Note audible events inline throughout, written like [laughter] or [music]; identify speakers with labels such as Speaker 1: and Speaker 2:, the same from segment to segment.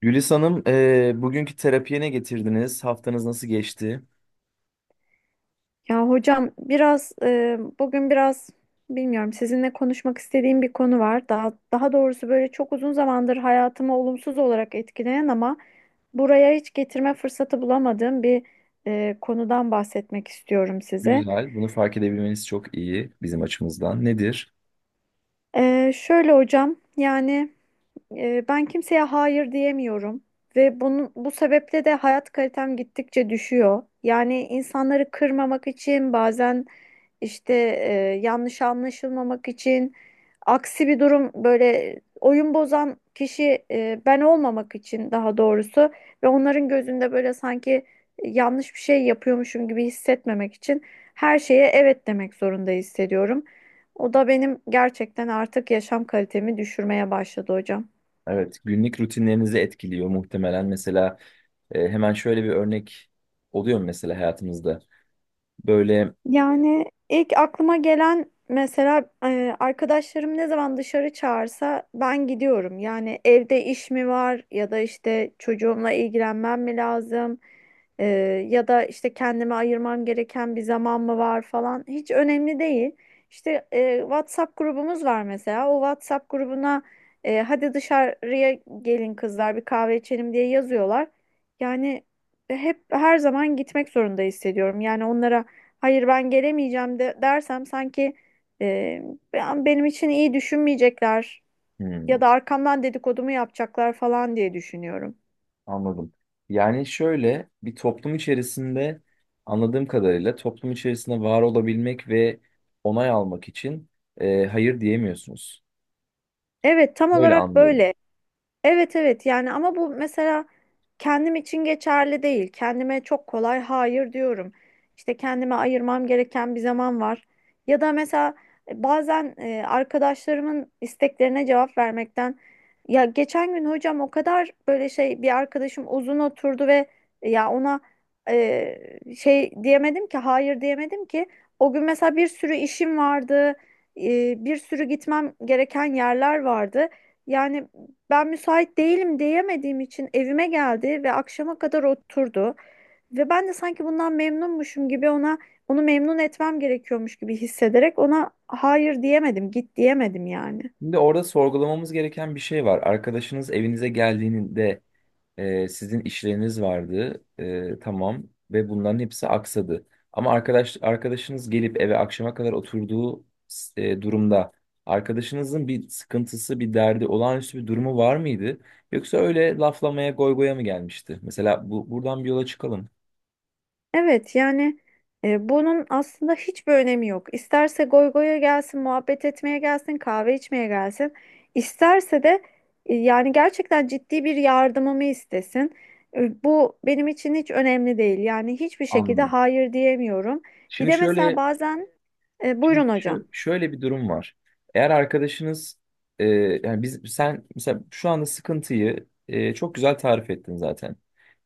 Speaker 1: Gülis Hanım, bugünkü terapiye ne getirdiniz? Haftanız nasıl geçti?
Speaker 2: Ya hocam biraz bugün biraz bilmiyorum sizinle konuşmak istediğim bir konu var. Daha doğrusu böyle çok uzun zamandır hayatımı olumsuz olarak etkileyen ama buraya hiç getirme fırsatı bulamadığım bir konudan bahsetmek istiyorum size.
Speaker 1: Güzel, bunu fark edebilmeniz çok iyi bizim açımızdan. Nedir?
Speaker 2: Şöyle hocam yani. Ben kimseye hayır diyemiyorum ve bunun bu sebeple de hayat kalitem gittikçe düşüyor. Yani insanları kırmamak için bazen işte yanlış anlaşılmamak için aksi bir durum, böyle oyun bozan kişi ben olmamak için daha doğrusu ve onların gözünde böyle sanki yanlış bir şey yapıyormuşum gibi hissetmemek için her şeye evet demek zorunda hissediyorum. O da benim gerçekten artık yaşam kalitemi düşürmeye başladı hocam.
Speaker 1: Evet, günlük rutinlerinizi etkiliyor muhtemelen. Mesela hemen şöyle bir örnek oluyor mu mesela hayatımızda? Böyle,
Speaker 2: Yani ilk aklıma gelen mesela arkadaşlarım ne zaman dışarı çağırsa ben gidiyorum. Yani evde iş mi var ya da işte çocuğumla ilgilenmem mi lazım? E, Ya da işte kendime ayırmam gereken bir zaman mı var falan hiç önemli değil. İşte WhatsApp grubumuz var mesela, o WhatsApp grubuna hadi dışarıya gelin kızlar bir kahve içelim diye yazıyorlar. Yani hep her zaman gitmek zorunda hissediyorum. Yani onlara hayır ben gelemeyeceğim de dersem sanki e, benim için iyi düşünmeyecekler ya
Speaker 1: hmm,
Speaker 2: da arkamdan dedikodumu yapacaklar falan diye düşünüyorum.
Speaker 1: anladım. Yani şöyle bir toplum içerisinde anladığım kadarıyla toplum içerisinde var olabilmek ve onay almak için hayır diyemiyorsunuz.
Speaker 2: Evet, tam
Speaker 1: Böyle
Speaker 2: olarak
Speaker 1: anlıyorum.
Speaker 2: böyle. Evet, evet, yani ama bu mesela kendim için geçerli değil. Kendime çok kolay hayır diyorum. İşte kendime ayırmam gereken bir zaman var. Ya da mesela bazen arkadaşlarımın isteklerine cevap vermekten, ya geçen gün hocam o kadar böyle şey, bir arkadaşım uzun oturdu ve ya ona diyemedim ki, hayır diyemedim ki. O gün mesela bir sürü işim vardı. Bir sürü gitmem gereken yerler vardı. Yani ben müsait değilim diyemediğim için evime geldi ve akşama kadar oturdu. Ve ben de sanki bundan memnunmuşum gibi ona, onu memnun etmem gerekiyormuş gibi hissederek ona hayır diyemedim, git diyemedim yani.
Speaker 1: Şimdi orada sorgulamamız gereken bir şey var. Arkadaşınız evinize geldiğinde sizin işleriniz vardı, tamam ve bunların hepsi aksadı. Ama arkadaşınız gelip eve akşama kadar oturduğu durumda arkadaşınızın bir sıkıntısı, bir derdi, olağanüstü bir durumu var mıydı? Yoksa öyle laflamaya, goygoya mı gelmişti? Mesela bu buradan bir yola çıkalım.
Speaker 2: Evet yani bunun aslında hiçbir önemi yok. İsterse goy goya gelsin, muhabbet etmeye gelsin, kahve içmeye gelsin. İsterse de yani gerçekten ciddi bir yardımımı istesin. Bu benim için hiç önemli değil. Yani hiçbir şekilde
Speaker 1: Anladım.
Speaker 2: hayır diyemiyorum. Bir
Speaker 1: Şimdi
Speaker 2: de mesela
Speaker 1: şöyle
Speaker 2: bazen
Speaker 1: Şimdi
Speaker 2: buyurun hocam.
Speaker 1: şu, şöyle bir durum var. Eğer arkadaşınız e, yani biz sen mesela şu anda sıkıntıyı çok güzel tarif ettin zaten.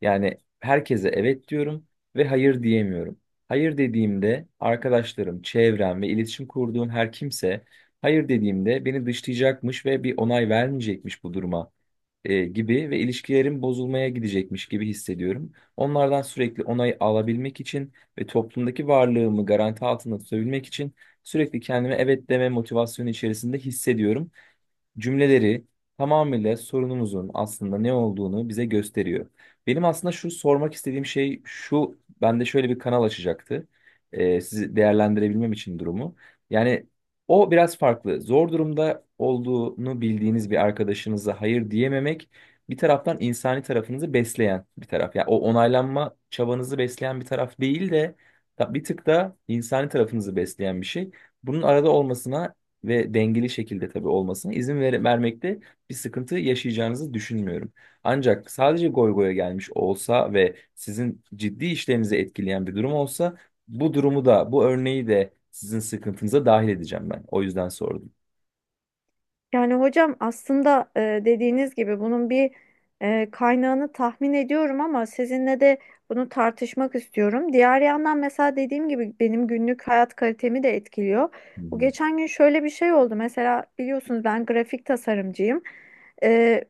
Speaker 1: Yani herkese evet diyorum ve hayır diyemiyorum. Hayır dediğimde arkadaşlarım, çevrem ve iletişim kurduğum her kimse hayır dediğimde beni dışlayacakmış ve bir onay vermeyecekmiş bu duruma gibi ve ilişkilerim bozulmaya gidecekmiş gibi hissediyorum. Onlardan sürekli onay alabilmek için ve toplumdaki varlığımı garanti altında tutabilmek için sürekli kendime evet deme motivasyonu içerisinde hissediyorum cümleleri tamamıyla sorunumuzun aslında ne olduğunu bize gösteriyor. Benim aslında şu sormak istediğim şey şu, bende şöyle bir kanal açacaktı. Sizi değerlendirebilmem için durumu. Yani o biraz farklı. Zor durumda olduğunu bildiğiniz bir arkadaşınıza hayır diyememek bir taraftan insani tarafınızı besleyen bir taraf. Yani o onaylanma çabanızı besleyen bir taraf değil de bir tık da insani tarafınızı besleyen bir şey. Bunun arada olmasına ve dengeli şekilde tabii olmasına vermekte bir sıkıntı yaşayacağınızı düşünmüyorum. Ancak sadece goy goya gelmiş olsa ve sizin ciddi işlerinizi etkileyen bir durum olsa bu durumu da bu örneği de sizin sıkıntınıza dahil edeceğim ben. O yüzden sordum.
Speaker 2: Yani hocam aslında dediğiniz gibi bunun bir kaynağını tahmin ediyorum ama sizinle de bunu tartışmak istiyorum. Diğer yandan mesela dediğim gibi benim günlük hayat kalitemi de etkiliyor.
Speaker 1: Hı
Speaker 2: Bu
Speaker 1: hı.
Speaker 2: geçen gün şöyle bir şey oldu. Mesela biliyorsunuz ben grafik tasarımcıyım. E,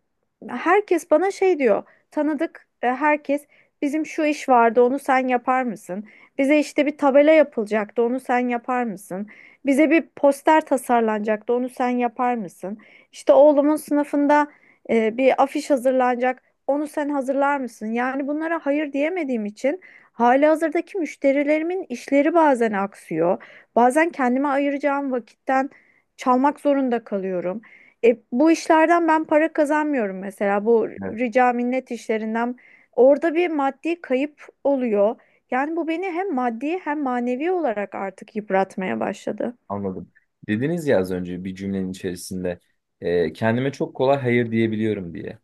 Speaker 2: Herkes bana şey diyor. Tanıdık herkes, bizim şu iş vardı onu sen yapar mısın? Bize işte bir tabela yapılacaktı, onu sen yapar mısın? Bize bir poster tasarlanacaktı, onu sen yapar mısın? İşte oğlumun sınıfında bir afiş hazırlanacak, onu sen hazırlar mısın? Yani bunlara hayır diyemediğim için halihazırdaki müşterilerimin işleri bazen aksıyor. Bazen kendime ayıracağım vakitten çalmak zorunda kalıyorum. Bu işlerden ben para kazanmıyorum mesela, bu
Speaker 1: Evet,
Speaker 2: rica minnet işlerinden. Orada bir maddi kayıp oluyor. Yani bu beni hem maddi hem manevi olarak artık yıpratmaya başladı.
Speaker 1: anladım. Dediniz ya az önce bir cümlenin içerisinde kendime çok kolay hayır diyebiliyorum diye.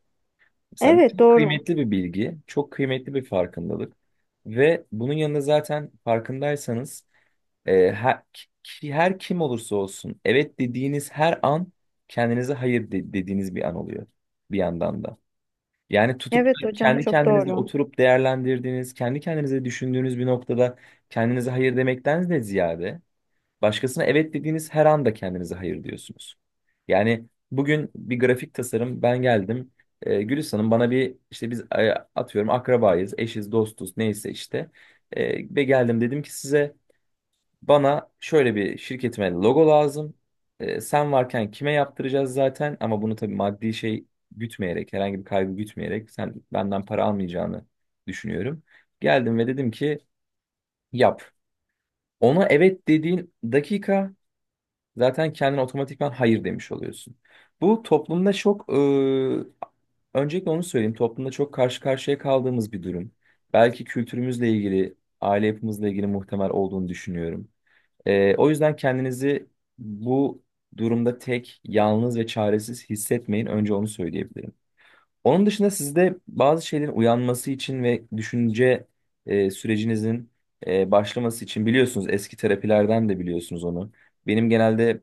Speaker 1: Mesela bu
Speaker 2: Evet,
Speaker 1: çok
Speaker 2: doğru.
Speaker 1: kıymetli bir bilgi, çok kıymetli bir farkındalık ve bunun yanında zaten farkındaysanız her kim olursa olsun evet dediğiniz her an kendinize hayır de- dediğiniz bir an oluyor bir yandan da. Yani tutup
Speaker 2: Evet
Speaker 1: da
Speaker 2: hocam,
Speaker 1: kendi
Speaker 2: çok
Speaker 1: kendinize
Speaker 2: doğru.
Speaker 1: oturup değerlendirdiğiniz, kendi kendinize düşündüğünüz bir noktada kendinize hayır demekten de ziyade başkasına evet dediğiniz her anda kendinize hayır diyorsunuz. Yani bugün bir grafik tasarım ben geldim. Gülis Hanım bana bir işte biz atıyorum akrabayız, eşiz, dostuz neyse işte. Ve geldim dedim ki size bana şöyle bir şirketime logo lazım. Sen varken kime yaptıracağız zaten ama bunu tabii maddi şey gütmeyerek, herhangi bir kaybı gütmeyerek sen benden para almayacağını düşünüyorum. Geldim ve dedim ki yap. Ona evet dediğin dakika zaten kendine otomatikman hayır demiş oluyorsun. Bu toplumda öncelikle onu söyleyeyim. Toplumda çok karşı karşıya kaldığımız bir durum. Belki kültürümüzle ilgili, aile yapımızla ilgili muhtemel olduğunu düşünüyorum. O yüzden kendinizi bu durumda tek, yalnız ve çaresiz hissetmeyin. Önce onu söyleyebilirim. Onun dışında sizde bazı şeylerin uyanması için ve düşünce sürecinizin başlaması için biliyorsunuz eski terapilerden de biliyorsunuz onu. Benim genelde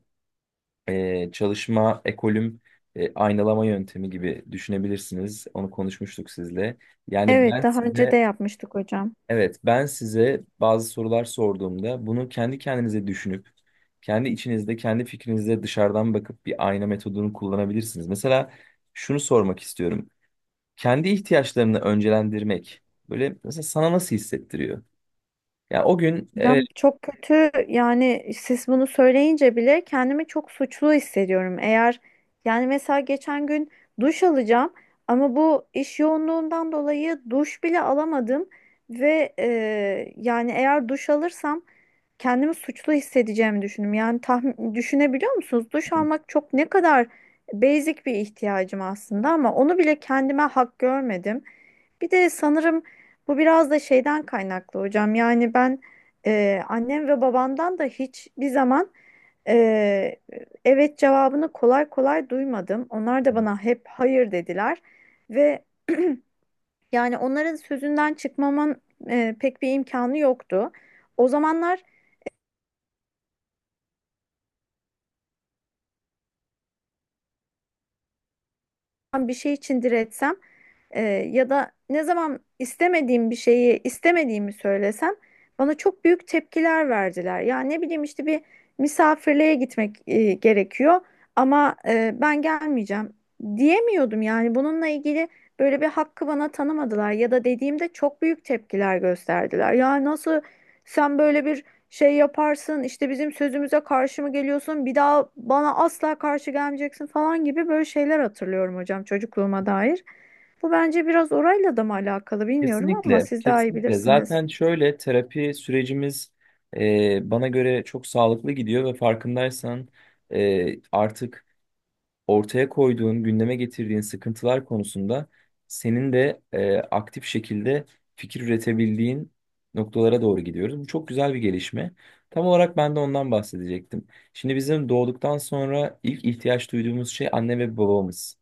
Speaker 1: çalışma ekolüm aynalama yöntemi gibi düşünebilirsiniz. Onu konuşmuştuk sizle. Yani
Speaker 2: Evet,
Speaker 1: ben
Speaker 2: daha önce
Speaker 1: size
Speaker 2: de yapmıştık hocam.
Speaker 1: Evet, ben size bazı sorular sorduğumda bunu kendi kendinize düşünüp, kendi içinizde, kendi fikrinizde dışarıdan bakıp bir ayna metodunu kullanabilirsiniz. Mesela şunu sormak istiyorum. Kendi ihtiyaçlarını öncelendirmek, böyle mesela sana nasıl hissettiriyor? Ya o gün evet,
Speaker 2: Hocam çok kötü, yani siz bunu söyleyince bile kendimi çok suçlu hissediyorum. Eğer, yani mesela geçen gün duş alacağım ama bu iş yoğunluğundan dolayı duş bile alamadım ve yani eğer duş alırsam kendimi suçlu hissedeceğimi düşündüm. Yani tahmin, düşünebiliyor musunuz? Duş almak çok, ne kadar basic bir ihtiyacım aslında ama onu bile kendime hak görmedim. Bir de sanırım bu biraz da şeyden kaynaklı hocam. Yani ben annem ve babamdan da hiçbir zaman ee, evet cevabını kolay kolay duymadım. Onlar da bana hep hayır dediler ve [clears throat] yani onların sözünden çıkmamın pek bir imkanı yoktu. O zamanlar bir şey için diretsem ya da ne zaman istemediğim bir şeyi istemediğimi söylesem bana çok büyük tepkiler verdiler. Ya ne bileyim, işte bir misafirliğe gitmek gerekiyor ama ben gelmeyeceğim diyemiyordum, yani bununla ilgili böyle bir hakkı bana tanımadılar ya da dediğimde çok büyük tepkiler gösterdiler. Ya nasıl sen böyle bir şey yaparsın, işte bizim sözümüze karşı mı geliyorsun, bir daha bana asla karşı gelmeyeceksin falan gibi böyle şeyler hatırlıyorum hocam çocukluğuma dair. Bu bence biraz orayla da mı alakalı bilmiyorum ama
Speaker 1: kesinlikle,
Speaker 2: siz daha iyi
Speaker 1: kesinlikle.
Speaker 2: bilirsiniz.
Speaker 1: Zaten şöyle terapi sürecimiz bana göre çok sağlıklı gidiyor ve farkındaysan artık ortaya koyduğun, gündeme getirdiğin sıkıntılar konusunda senin de aktif şekilde fikir üretebildiğin noktalara doğru gidiyoruz. Bu çok güzel bir gelişme. Tam olarak ben de ondan bahsedecektim. Şimdi bizim doğduktan sonra ilk ihtiyaç duyduğumuz şey anne ve babamız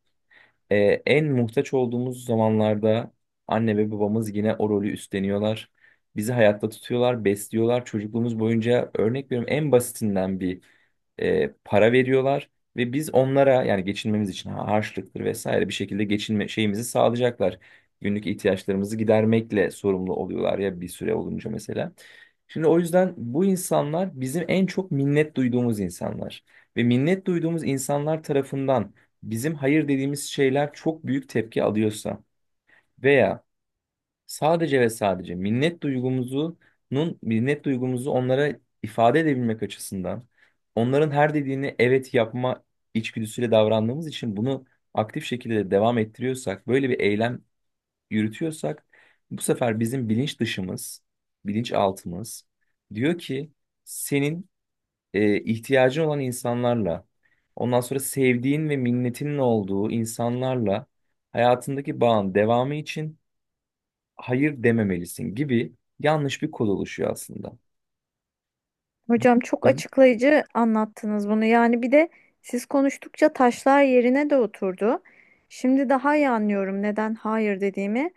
Speaker 1: e, en muhtaç olduğumuz zamanlarda anne ve babamız yine o rolü üstleniyorlar. Bizi hayatta tutuyorlar, besliyorlar. Çocukluğumuz boyunca örnek veriyorum en basitinden bir para veriyorlar ve biz onlara yani geçinmemiz için harçlıktır vesaire bir şekilde geçinme şeyimizi sağlayacaklar. Günlük ihtiyaçlarımızı gidermekle sorumlu oluyorlar ya bir süre olunca mesela. Şimdi o yüzden bu insanlar bizim en çok minnet duyduğumuz insanlar ve minnet duyduğumuz insanlar tarafından bizim hayır dediğimiz şeyler çok büyük tepki alıyorsa veya sadece ve sadece minnet duygumuzu onlara ifade edebilmek açısından onların her dediğini evet yapma içgüdüsüyle davrandığımız için bunu aktif şekilde devam ettiriyorsak, böyle bir eylem yürütüyorsak bu sefer bizim bilinç dışımız, bilinç altımız diyor ki senin ihtiyacın olan insanlarla, ondan sonra sevdiğin ve minnetinin olduğu insanlarla hayatındaki bağın devamı için hayır dememelisin gibi yanlış bir kod oluşuyor aslında.
Speaker 2: Hocam çok açıklayıcı anlattınız bunu. Yani bir de siz konuştukça taşlar yerine de oturdu. Şimdi daha iyi anlıyorum neden hayır dediğimi.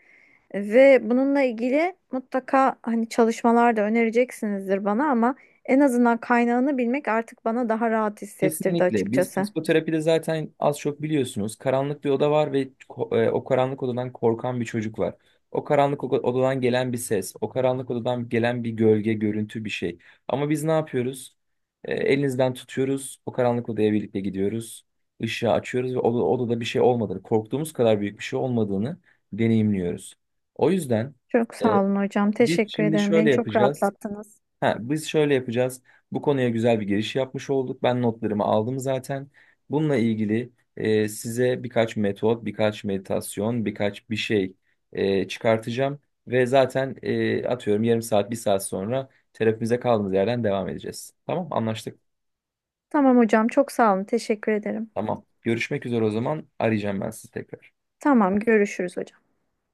Speaker 2: Ve bununla ilgili mutlaka hani çalışmalar da önereceksinizdir bana ama en azından kaynağını bilmek artık bana daha rahat hissettirdi
Speaker 1: Kesinlikle. Biz
Speaker 2: açıkçası.
Speaker 1: psikoterapide zaten az çok biliyorsunuz. Karanlık bir oda var ve o karanlık odadan korkan bir çocuk var. Odadan gelen bir ses, o karanlık odadan gelen bir gölge, görüntü bir şey. Ama biz ne yapıyoruz? Elinizden tutuyoruz, o karanlık odaya birlikte gidiyoruz. Işığı açıyoruz ve odada bir şey olmadığını, korktuğumuz kadar büyük bir şey olmadığını deneyimliyoruz. O yüzden
Speaker 2: Çok
Speaker 1: e,
Speaker 2: sağ olun hocam.
Speaker 1: biz
Speaker 2: Teşekkür
Speaker 1: şimdi
Speaker 2: ederim.
Speaker 1: şöyle
Speaker 2: Beni çok
Speaker 1: yapacağız.
Speaker 2: rahatlattınız.
Speaker 1: Ha, biz şöyle yapacağız. Bu konuya güzel bir giriş yapmış olduk. Ben notlarımı aldım zaten. Bununla ilgili size birkaç metot, birkaç meditasyon, birkaç bir şey çıkartacağım. Ve zaten atıyorum yarım saat, bir saat sonra terapimize kaldığımız yerden devam edeceğiz. Tamam, anlaştık.
Speaker 2: Tamam hocam, çok sağ olun. Teşekkür ederim.
Speaker 1: Tamam. Görüşmek üzere o zaman. Arayacağım ben sizi tekrar.
Speaker 2: Tamam, görüşürüz hocam.